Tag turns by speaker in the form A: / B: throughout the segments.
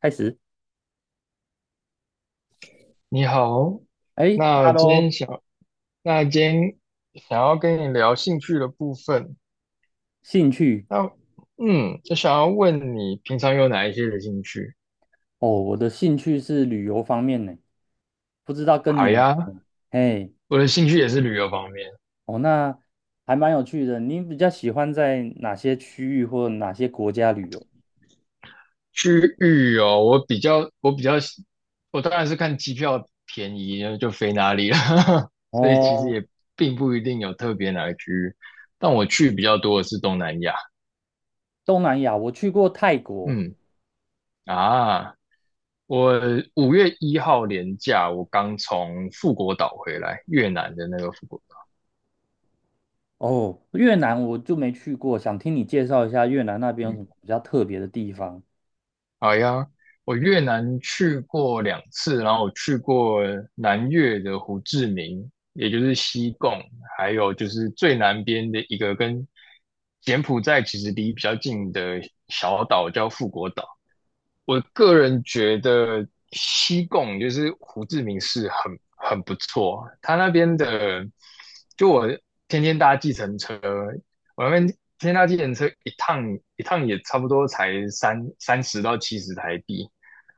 A: 开始，
B: 你好。
A: 哎
B: 那今
A: ，Hello，
B: 天想，那今天想要跟你聊兴趣的部分。
A: 兴趣
B: 那就想要问你平常有哪一些的兴趣？
A: 哦，我的兴趣是旅游方面呢，不知道跟你
B: 好
A: 有，
B: 呀，
A: 哎，
B: 我的兴趣也是旅游方面。
A: 哦，那还蛮有趣的。你比较喜欢在哪些区域或哪些国家旅游？
B: 去旅游，我比较，我比较喜，我当然是看机票便宜就飞哪里了，所以其实
A: 哦，
B: 也并不一定有特别哪个区域，但我去比较多的是东南亚。
A: 东南亚我去过泰国，
B: 嗯。啊，我5月1号连假，我刚从富国岛回来，越南的那个富国岛。
A: 哦，越南我就没去过，想听你介绍一下越南那边有什
B: 嗯，
A: 么比较特别的地方。
B: 好呀，我越南去过2次，然后我去过南越的胡志明，也就是西贡，还有就是最南边的一个跟柬埔寨其实离比较近的小岛叫富国岛。我个人觉得西贡就是胡志明市很不错。他那边的就我天天搭计程车，我那边天天搭计程车一趟，也差不多才三十到七十台币。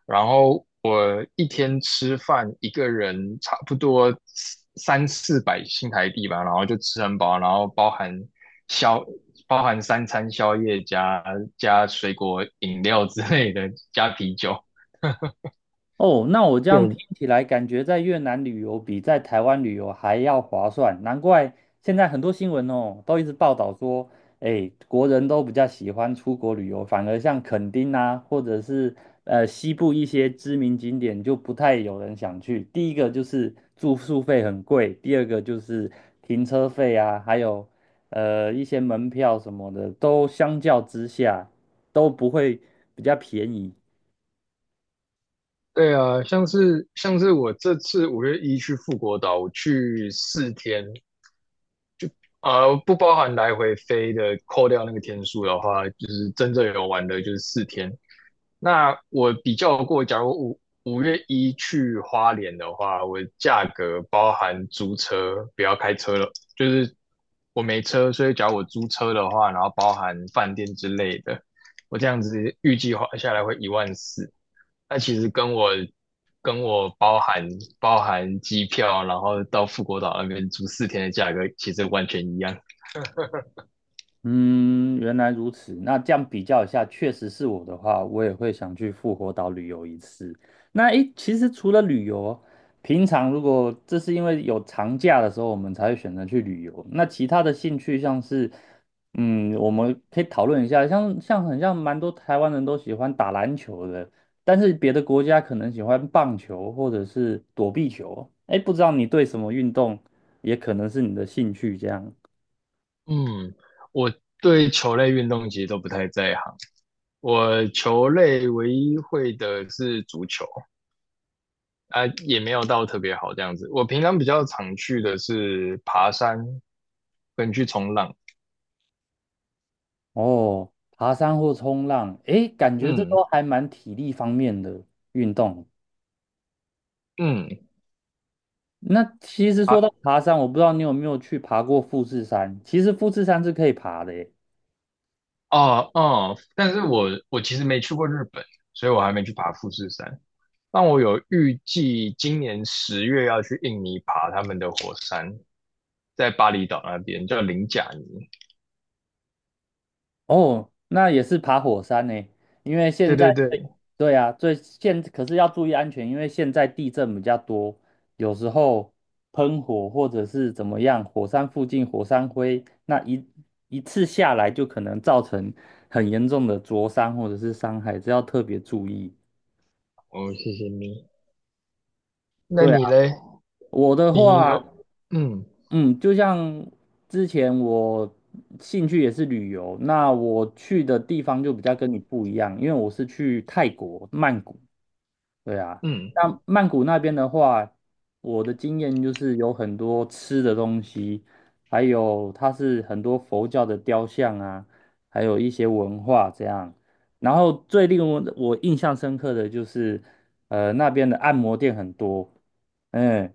B: 然后我一天吃饭一个人差不多三四百新台币吧，然后就吃很饱，然后包含宵，包含三餐宵夜加水果饮料之类的，加啤酒。
A: 哦，那我这样听
B: 对
A: 起来，感觉在越南旅游比在台湾旅游还要划算，难怪现在很多新闻哦，都一直报道说，哎，国人都比较喜欢出国旅游，反而像垦丁啊，或者是西部一些知名景点就不太有人想去。第一个就是住宿费很贵，第二个就是停车费啊，还有一些门票什么的，都相较之下都不会比较便宜。
B: 对啊，像是我这次五月一去富国岛，我去四天，不包含来回飞的，扣掉那个天数的话，就是真正有玩的，就是四天。那我比较过，假如五月一去花莲的话，我价格包含租车，不要开车了，就是我没车，所以假如我租车的话，然后包含饭店之类的，我这样子预计花下来会1万4。那其实跟我包含机票，然后到富国岛那边住四天的价格，其实完全一样。
A: 嗯，原来如此。那这样比较一下，确实是我的话，我也会想去复活岛旅游一次。那诶，其实除了旅游，平常如果这是因为有长假的时候，我们才会选择去旅游。那其他的兴趣像是，嗯，我们可以讨论一下，很像蛮多台湾人都喜欢打篮球的，但是别的国家可能喜欢棒球或者是躲避球。诶，不知道你对什么运动也可能是你的兴趣这样。
B: 嗯，我对球类运动其实都不太在行，我球类唯一会的是足球，啊，也没有到特别好这样子。我平常比较常去的是爬山跟去冲浪。
A: 哦，爬山或冲浪，诶，感觉这
B: 嗯
A: 都还蛮体力方面的运动。
B: 嗯。
A: 那其实说
B: 啊，
A: 到爬山，我不知道你有没有去爬过富士山。其实富士山是可以爬的耶，
B: 哦哦，但是我其实没去过日本，所以我还没去爬富士山。但我有预计今年10月要去印尼爬他们的火山，在巴厘岛那边叫林贾尼。
A: 哦，那也是爬火山呢，因为现
B: 对
A: 在
B: 对对。
A: 对啊，可是要注意安全，因为现在地震比较多，有时候喷火或者是怎么样，火山附近火山灰，那一次下来就可能造成很严重的灼伤或者是伤害，这要特别注意。
B: 哦，谢谢你。那
A: 对啊，
B: 你嘞？
A: 我的
B: 你
A: 话，
B: 有嗯
A: 嗯，就像之前我兴趣也是旅游，那我去的地方就比较跟你不一样，因为我是去泰国曼谷。对啊，
B: 嗯
A: 那曼谷那边的话，我的经验就是有很多吃的东西，还有它是很多佛教的雕像啊，还有一些文化这样。然后最令我印象深刻的就是，那边的按摩店很多，嗯，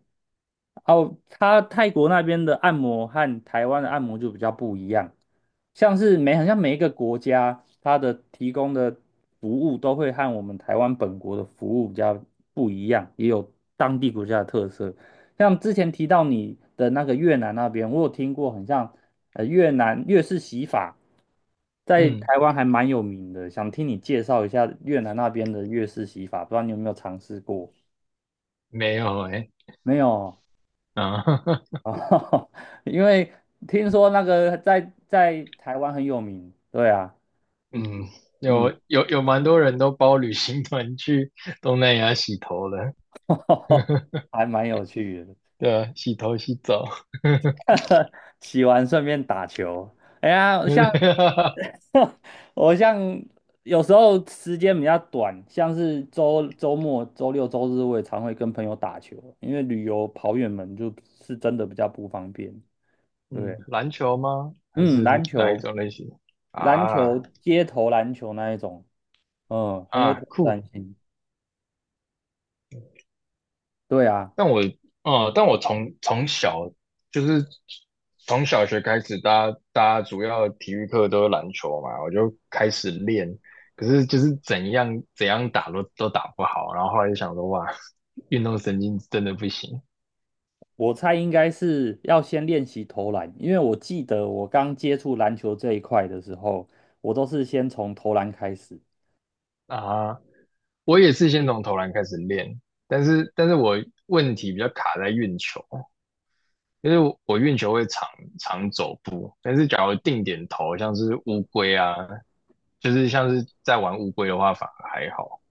A: 哦，它泰国那边的按摩和台湾的按摩就比较不一样，像是好像每一个国家它的提供的服务都会和我们台湾本国的服务比较不一样，也有当地国家的特色。像之前提到你的那个越南那边，我有听过，很像越南越式洗法，在
B: 嗯。
A: 台湾还蛮有名的，想听你介绍一下越南那边的越式洗法，不知道你有没有尝试过？
B: 没有哎。
A: 没有哦。
B: 啊，
A: 哦，因为听说那个在台湾很有名，对啊，
B: 嗯，有
A: 嗯，
B: 有有，蛮多人都包旅行团去东南亚洗头了。
A: 还蛮有趣的。
B: 对啊，洗头洗澡，
A: 洗完顺便打球。哎 呀，
B: 对不对？
A: 我像有时候时间比较短，像是周末、周六、周日，我也常会跟朋友打球，因为旅游跑远门就是真的比较不方便。对，
B: 嗯，篮球吗？还
A: 嗯，
B: 是
A: 篮
B: 哪一
A: 球、
B: 种类型？
A: 篮
B: 啊。
A: 球、街头篮球那一种，嗯，很有
B: 啊，
A: 挑战
B: 酷。
A: 性。对啊。
B: 但我，但我就是从小学开始，大家主要体育课都是篮球嘛，我就开始练。可是就是怎样怎样打都打不好，然后后来就想说，哇，运动神经真的不行
A: 我猜应该是要先练习投篮，因为我记得我刚接触篮球这一块的时候，我都是先从投篮开始
B: 啊！我也是先从投篮开始练，但是我问题比较卡在运球，因为我运球会常常走步，但是假如定点投，像是乌龟啊，就是像是在玩乌龟的话，反而还好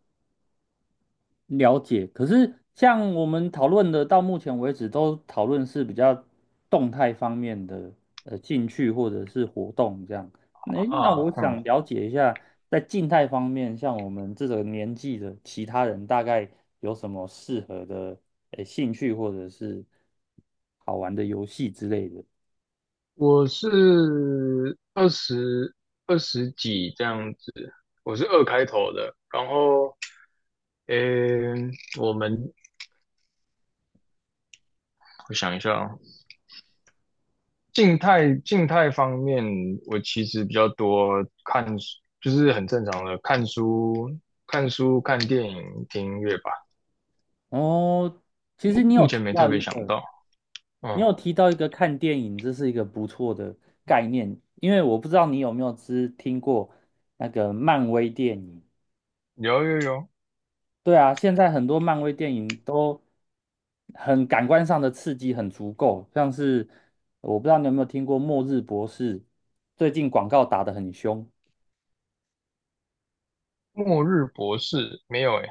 A: 了解。可是像我们讨论的，到目前为止都讨论是比较动态方面的兴趣或者是活动这样。诶，那
B: 啊。
A: 我
B: 嗯，
A: 想了解一下，在静态方面，像我们这个年纪的其他人，大概有什么适合的兴趣或者是好玩的游戏之类的？
B: 我是二十几这样子，我是二开头的。然后，嗯，我们我想一下啊，静态方面，我其实比较多看，就是很正常的看书、看电影、听音乐吧。
A: 哦，其实
B: 目前没特别想到。
A: 你
B: 嗯，
A: 有提到一个看电影，这是一个不错的概念，因为我不知道你有没有听过那个漫威电影。
B: 有有有。
A: 对啊，现在很多漫威电影都很感官上的刺激很足够，像是我不知道你有没有听过《末日博士》，最近广告打得很凶
B: 末日博士没有诶，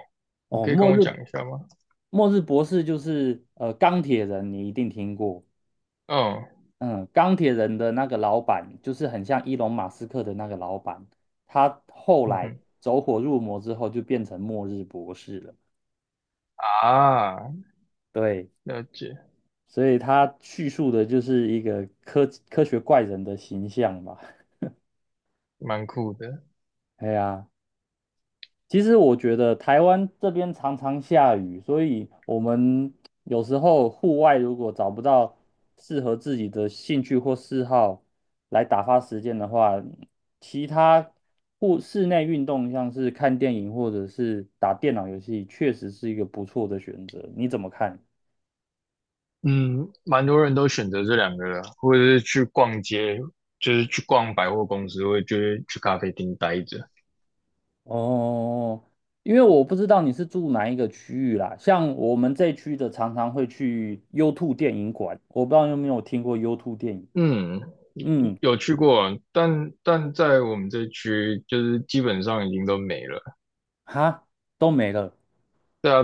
B: 你
A: 哦，
B: 可以跟
A: 《末
B: 我讲
A: 日
B: 一下吗？
A: 末日博士》就是钢铁人，你一定听过。
B: 嗯。
A: 嗯，钢铁人的那个老板就是很像伊隆马斯克的那个老板，他后
B: 嗯
A: 来
B: 哼。
A: 走火入魔之后就变成末日博士了。
B: 啊，
A: 对，
B: 了解，
A: 所以他叙述的就是一个科学怪人的形象吧。
B: 蛮酷的。
A: 哎呀，其实我觉得台湾这边常常下雨，所以我们有时候户外如果找不到适合自己的兴趣或嗜好来打发时间的话，其他室内运动，像是看电影或者是打电脑游戏，确实是一个不错的选择。你怎么看？
B: 嗯，蛮多人都选择这两个的，或者是去逛街，就是去逛百货公司，或者就是去咖啡厅待着。
A: 哦，因为我不知道你是住哪一个区域啦，像我们这区的常常会去优兔电影馆，我不知道你有没有听过优兔电影。
B: 嗯，
A: 嗯，
B: 有去过，但在我们这区，就是基本上已经都没了。
A: 哈，都没了。
B: 对啊，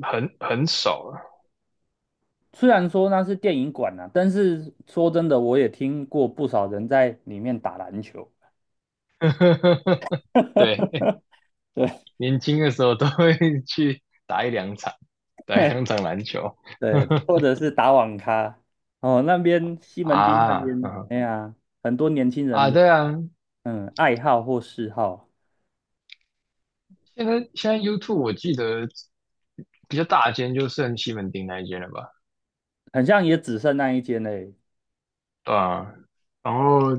B: 很少了。
A: 虽然说那是电影馆啊，但是说真的，我也听过不少人在里面打篮球，
B: 对，
A: 对
B: 年轻的时候都会去打一两场。对，香港篮球。
A: 对，对 或者是打网咖。哦，那边西门町那
B: 啊。
A: 边，
B: 嗯。
A: 哎呀，很多年轻人
B: 啊，
A: 的
B: 对啊。
A: 爱好或嗜好，
B: 现在 YouTube 我记得比较大间就剩西门町那一间了吧？
A: 很像也只剩那一间嘞。
B: 对啊，然后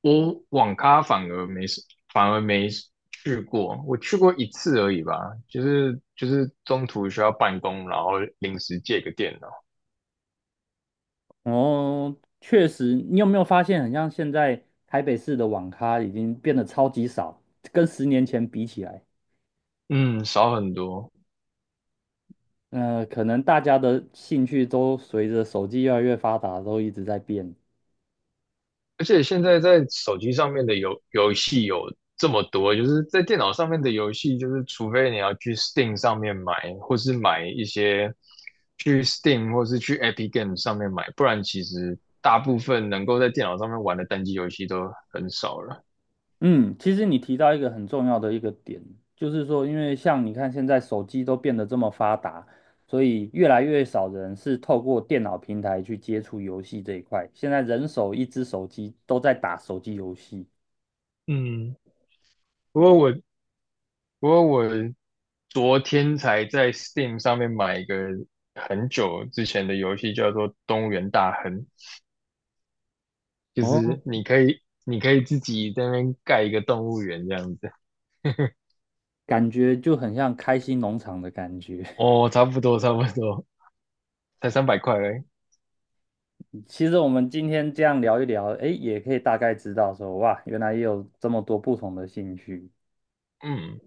B: 我网咖反而没去过。我去过一次而已吧，就是中途需要办公，然后临时借个电脑。
A: 哦，确实，你有没有发现，很像现在台北市的网咖已经变得超级少，跟10年前比起来。
B: 嗯，少很多。
A: 可能大家的兴趣都随着手机越来越发达，都一直在变。
B: 而且现在在手机上面的游戏有这么多，就是在电脑上面的游戏，就是除非你要去 Steam 上面买，或是买一些去 Steam 或是去 Epic Games 上面买，不然其实大部分能够在电脑上面玩的单机游戏都很少了。
A: 嗯，其实你提到一个很重要的一个点，就是说，因为像你看现在手机都变得这么发达，所以越来越少人是透过电脑平台去接触游戏这一块。现在人手一只手机都在打手机游戏，
B: 嗯，不过我不过我昨天才在 Steam 上面买一个很久之前的游戏，叫做《动物园大亨》。就
A: 哦，
B: 是你可以自己在那边盖一个动物园这样子。
A: 感觉就很像开心农场的感觉。
B: 哦，差不多差不多，才300块而已
A: 其实我们今天这样聊一聊，诶，也可以大概知道说，哇，原来也有这么多不同的兴趣。
B: 嗯。